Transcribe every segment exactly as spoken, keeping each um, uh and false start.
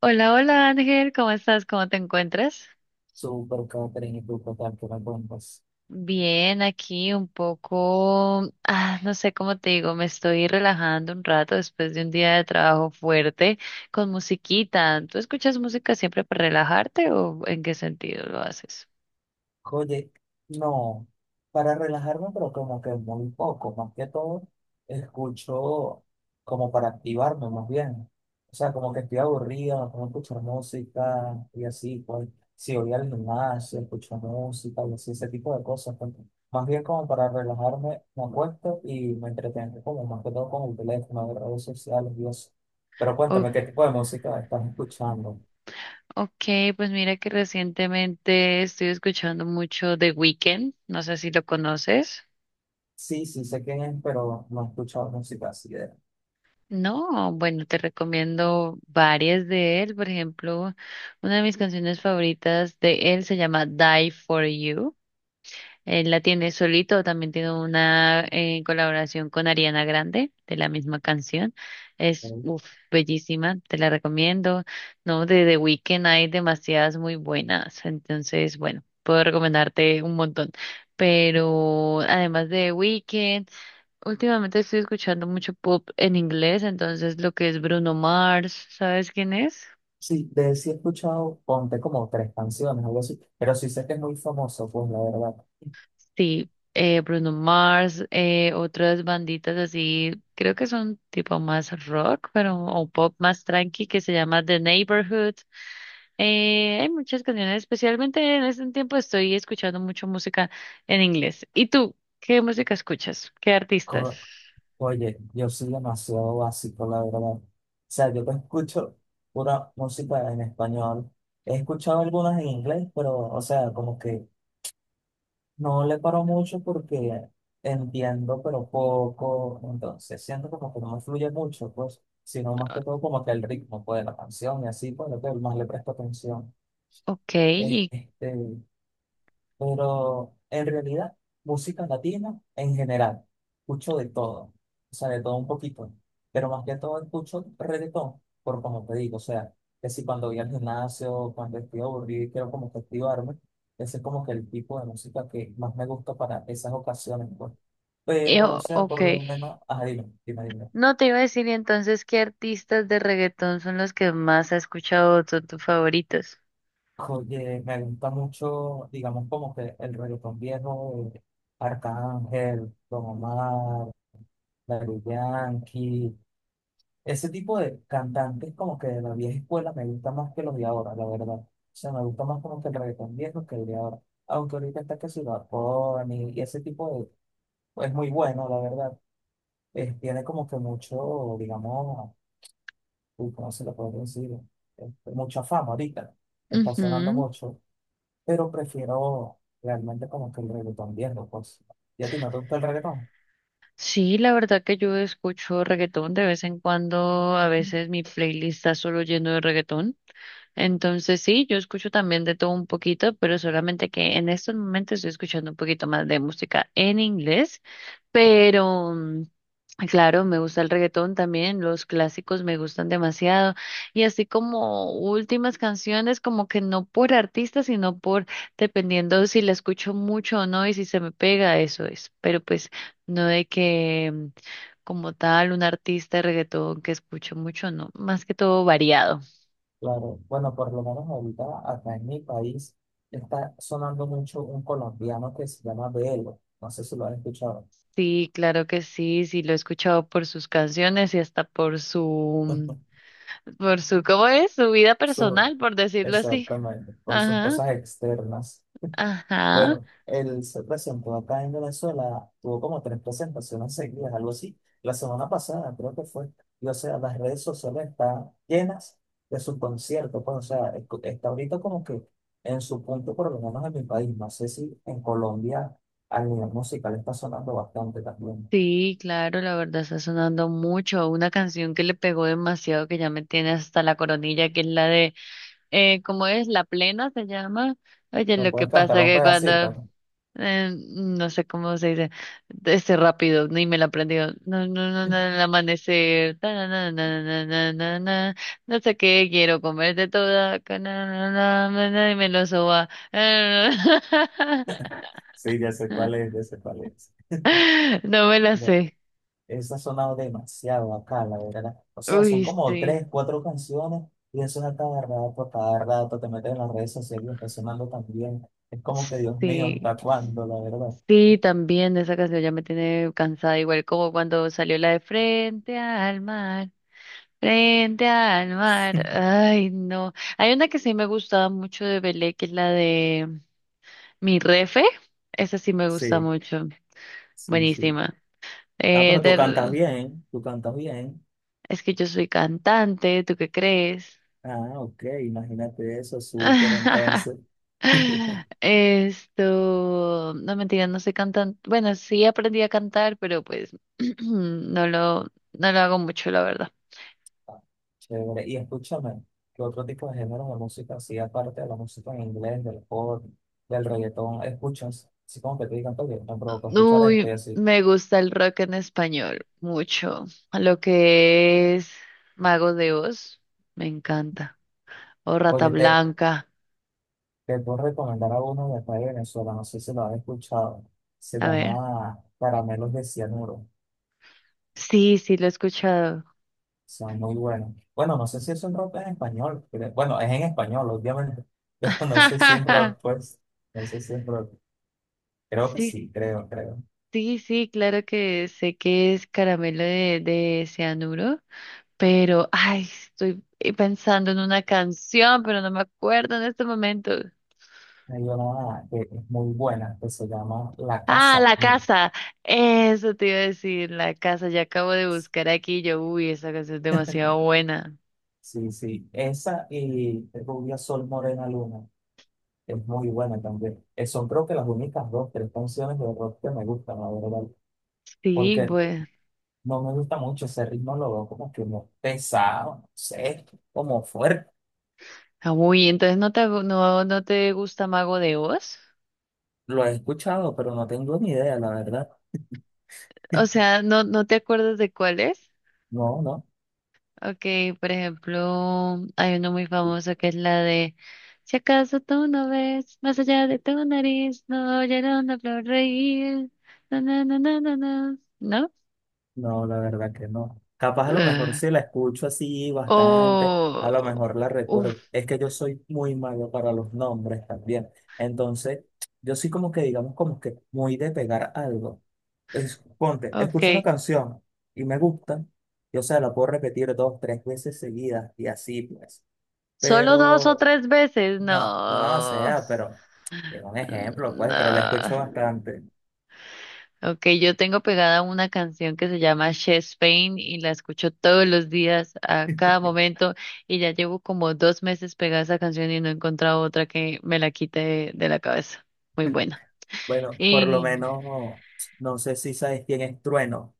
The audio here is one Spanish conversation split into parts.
Hola, hola Ángel, ¿cómo estás? ¿Cómo te encuentras? Súper catering y tú total que me cuentas. Bien, aquí un poco, ah, no sé cómo te digo, me estoy relajando un rato después de un día de trabajo fuerte con musiquita. ¿Tú escuchas música siempre para relajarte o en qué sentido lo haces? Oye, no, para relajarme, pero como que muy poco, más que todo, escucho como para activarme más bien. O sea, como que estoy aburrido, no puedo escuchar música y así, pues, si voy al gimnasio, escucho música y así, ese tipo de cosas. Pues, más bien como para relajarme, me acuesto y me entretengo, como más que todo con el teléfono, de redes sociales y eso. Pero O- cuéntame, ¿qué tipo de música estás escuchando? ok, pues mira que recientemente estoy escuchando mucho The Weeknd, no sé si lo conoces. Sí, sí, sé quién es, pero no he escuchado música así de... él. No, bueno, te recomiendo varias de él. Por ejemplo, una de mis canciones favoritas de él se llama Die for You. Él la tiene solito, también tiene una eh, colaboración con Ariana Grande de la misma canción. Es Mm. uf, bellísima, te la recomiendo. No, de The Weeknd hay demasiadas muy buenas, entonces, bueno, puedo recomendarte un montón. Pero además de The Weeknd, últimamente estoy escuchando mucho pop en inglés, entonces lo que es Bruno Mars, ¿sabes quién es? Sí, de él sí he escuchado, ponte como tres canciones, algo así, pero sí sé que es muy famoso, pues la verdad. Sí, eh, Bruno Mars, eh, otras banditas así, creo que son tipo más rock, pero o pop más tranqui que se llama The Neighborhood. Eh, hay muchas canciones, especialmente en este tiempo estoy escuchando mucho música en inglés. ¿Y tú? ¿Qué música escuchas? ¿Qué artistas? Co- Oye, yo soy demasiado básico, la verdad. O sea, yo te escucho pura música en español. He escuchado algunas en inglés, pero, o sea, como que no le paro mucho porque entiendo, pero poco, entonces siento como que no me fluye mucho, pues, sino más Ah, que todo como que el ritmo, pues, de la canción y así, pues, lo que más le presto atención. ok, y, Este, pero en realidad, música latina en general, escucho de todo, o sea, de todo un poquito, pero más que todo escucho reggaetón, por como te digo, o sea, que si cuando voy al gimnasio, cuando estoy aburrido y quiero como que activarme, ese es como que el tipo de música que más me gusta para esas ocasiones, pues. y- Pero, o o- sea, ok. por lo menos, ajá, dime, dime, dime. No te iba a decir y entonces qué artistas de reggaetón son los que más has escuchado, son tus favoritos. Oye, me gusta mucho, digamos, como que el reggaetón viejo, de Arcángel, Don Omar, Daddy Yankee, ese tipo de cantantes como que de la vieja escuela me gusta más que los de ahora, la verdad. O sea, me gusta más como que el reggaetón viejo que el de ahora. Aunque ahorita está que si Bad Bunny y ese tipo de, pues muy bueno, la verdad. Eh, tiene como que mucho, digamos, uy, ¿cómo se lo puedo decir? Este, mucha fama ahorita, está sonando Ujú. mucho, pero prefiero realmente como que el reggaetón viejo, pues. ¿Y a ti no te gusta el reggaetón? Sí, la verdad que yo escucho reggaetón de vez en cuando, a veces mi playlist está solo lleno de reggaetón. Entonces sí, yo escucho también de todo un poquito, pero solamente que en estos momentos estoy escuchando un poquito más de música en inglés. Pero, mm, claro, me gusta el reggaetón también, los clásicos me gustan demasiado. Y así como últimas canciones, como que no por artista, sino por, dependiendo si la escucho mucho o no y si se me pega, eso es. Pero pues no de que mm, como tal un artista de reggaetón que escucho mucho, no, más que todo variado. Claro, bueno, por lo menos ahorita acá en mi país está sonando mucho un colombiano que se llama Belo, no sé si lo han escuchado. Sí, claro que sí, sí lo he escuchado por sus canciones y hasta por su, mm, por su, ¿cómo es? Su vida Su- personal, por decirlo así. exactamente, por sus Ajá, cosas externas. ajá. Bueno, él se presentó acá en Venezuela, tuvo como tres presentaciones seguidas, algo así. La semana pasada creo que fue. Y o sea, las redes sociales están llenas de su concierto. Pues, o sea, es- está ahorita como que en su punto, por lo menos en mi país. No sé si en Colombia a nivel musical está sonando bastante también. Sí, claro, la verdad está sonando mucho. Una canción que le pegó demasiado, que ya me tiene hasta la coronilla, que es la de, eh, ¿cómo es? La plena se llama. Oye, ¿Me lo que puedes pasa cantar un que cuando, pedacito? eh, no sé cómo se dice, ese rápido, ni me la aprendí. No, no, no, no, el amanecer. Ta, na, na, na, na, na, na, na, no sé qué, quiero comerte toda. Ca, na, na, na, na, na, y me lo soba. Sí, ya sé cuál es, ya sé cuál es. No me la sé. Esa ha sonado demasiado acá, la verdad. O sea, son Uy, como sí, tres, cuatro canciones y eso es a cada rato, a cada rato. Te metes en las redes sociales y está sonando también. Es como que, Dios mío, sí, ¿hasta cuándo, la verdad? sí, también esa canción ya me tiene cansada, igual como cuando salió la de Frente al mar, Frente al mar, ay, no. Hay una que sí me gustaba mucho de Belé, que es la de Mi Refe, esa sí me gusta Sí, mucho, sí, sí. buenísima. Ah, Eh, pero tú cantas de- bien, tú cantas bien. Es que yo soy cantante, ¿tú qué crees? Ah, ok, imagínate eso, súper entonces. Esto, no mentira, no sé cantar. Bueno, sí aprendí a cantar, pero pues no lo, no lo hago mucho, la verdad. Ah, chévere. Y escúchame, ¿qué otro tipo de géneros de música, así aparte de la música en inglés, del pop, del reggaetón, escuchas? Así como que te digan, oye, me provoca escuchar este, Uy, así. me gusta el rock en español, mucho. Lo que es Mago de Oz, me encanta. O Rata Oye, te, Blanca, te puedo recomendar a uno de acá de Venezuela, no sé si lo has escuchado. Se a ver. llama Caramelos de Cianuro. Sí, sí, lo he escuchado. Son muy buenos. Bueno, no sé si es un rock en español. pero- Bueno, es en español, obviamente, pero no sé si es rock, pues. No sé si es rock. Creo que Sí, sí, creo, creo. sí, sí, claro que sé que es caramelo de, de cianuro. Pero, ay, estoy pensando en una canción, pero no me acuerdo en este momento. Hay una que es muy buena, que se llama La Ah, Casa La Mía. Casa. Eso te iba a decir, La Casa. Ya acabo de buscar aquí. Yo, uy, esa canción es demasiado buena. Sí, sí. Esa y Rubia Sol Morena Luna es muy buena también. Eh, Son creo que las únicas dos, tres canciones de rock que me gustan, la verdad. Sí, Porque bueno. no me gusta mucho ese ritmo, lo veo como que muy pesado, no sé, como fuerte. Ah, uy, entonces no te, no, no te gusta Mago de Oz. Lo he escuchado, pero no tengo ni idea, la verdad. O sea, no, no te acuerdas de cuál es. No, no. Okay, por ejemplo, hay uno muy famoso que es la de Si acaso tú no ves más allá de tu nariz, no oyeron una flor reír. No, no, no, no, no, no. ¿No? No, la verdad que no. Capaz a lo mejor Ah. si la escucho así bastante, a Oh, lo mejor la recuerdo. uf, Es que yo soy muy malo para los nombres también. Entonces, yo sí como que digamos como que muy de pegar algo. Es, ponte, escucho una okay. canción y me gusta, y o sea, la puedo repetir dos, tres veces seguidas y así pues. Solo dos o Pero, tres veces, no, no, o no. sea, pero, digo un ejemplo pues, pero la No. escucho bastante. Ok, yo tengo pegada una canción que se llama Chest Pain y la escucho todos los días, a cada momento, y ya llevo como dos meses pegada a esa canción y no he encontrado otra que me la quite de, de la cabeza. Muy buena. Bueno, por lo Y menos, no sé si sabes quién es Trueno,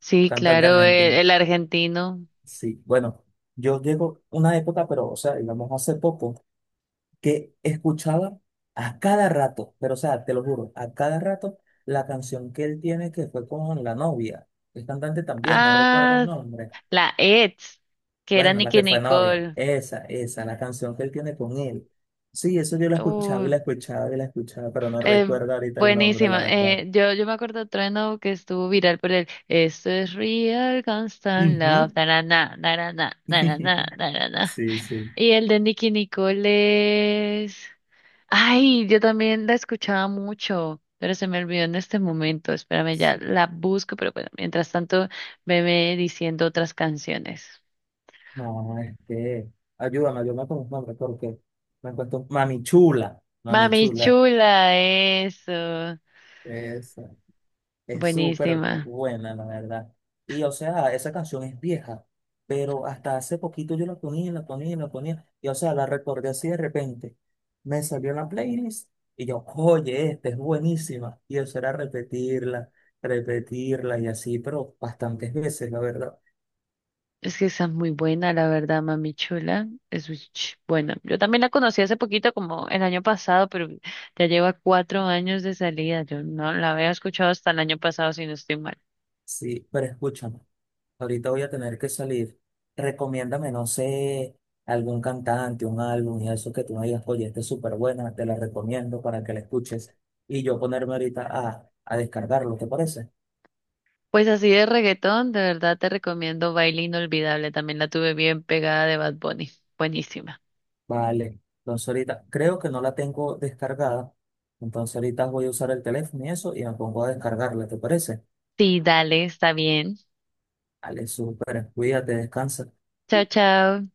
sí, cantante claro, el, argentino. el argentino. Sí, bueno, yo llego una época, pero, o sea, digamos hace poco, que escuchaba a cada rato, pero, o sea, te lo juro, a cada rato la canción que él tiene que fue con la novia. El cantante también, no recuerdo el Ah, nombre. la ex, que era Bueno, la Nicki que fue novia, Nicole. esa, esa, la canción que él tiene con él. Sí, eso yo la escuchaba y Uy, la escuchaba y la escuchaba, pero no Eh, recuerdo ahorita el nombre, la buenísima. verdad. Eh, yo, yo me acuerdo de Trueno que estuvo viral por el Esto es real constant love, Ujú. na narana, narana, narana. Sí, sí. Y el de Nicky Nicole es... Ay, yo también la escuchaba mucho, pero se me olvidó en este momento. Espérame, ya Sí. la busco, pero bueno, mientras tanto, veme diciendo otras canciones. No, es que, ayúdame, yo me confundo porque me cuesta Mami Chula, Mami Mami Chula, chula, eso. esa, es súper Buenísima. buena, la verdad. Y o sea, esa canción es vieja, pero hasta hace poquito yo la ponía, la ponía, la ponía, y o sea, la recordé así de repente. Me salió en la playlist y yo, oye, esta es buenísima. Y eso era repetirla, repetirla y así, pero bastantes veces, la verdad. Es que esa es muy buena, la verdad, Mami Chula. Es muy ch- buena. Yo también la conocí hace poquito, como el año pasado, pero ya lleva cuatro años de salida. Yo no la había escuchado hasta el año pasado, si no estoy mal. Sí, pero escúchame. Ahorita voy a tener que salir. Recomiéndame, no sé, algún cantante, un álbum y eso que tú me digas, oye, este es súper buena, te la recomiendo para que la escuches. Y yo ponerme ahorita a, a descargarlo, ¿te parece? Pues así de reggaetón, de verdad te recomiendo Baile Inolvidable. También la tuve bien pegada de Bad Bunny. Buenísima. Vale. Entonces ahorita creo que no la tengo descargada. Entonces ahorita voy a usar el teléfono y eso y me pongo a descargarla, ¿te parece? Sí, dale, está bien. Vale, súper. Cuídate, descansa. Chao, chao.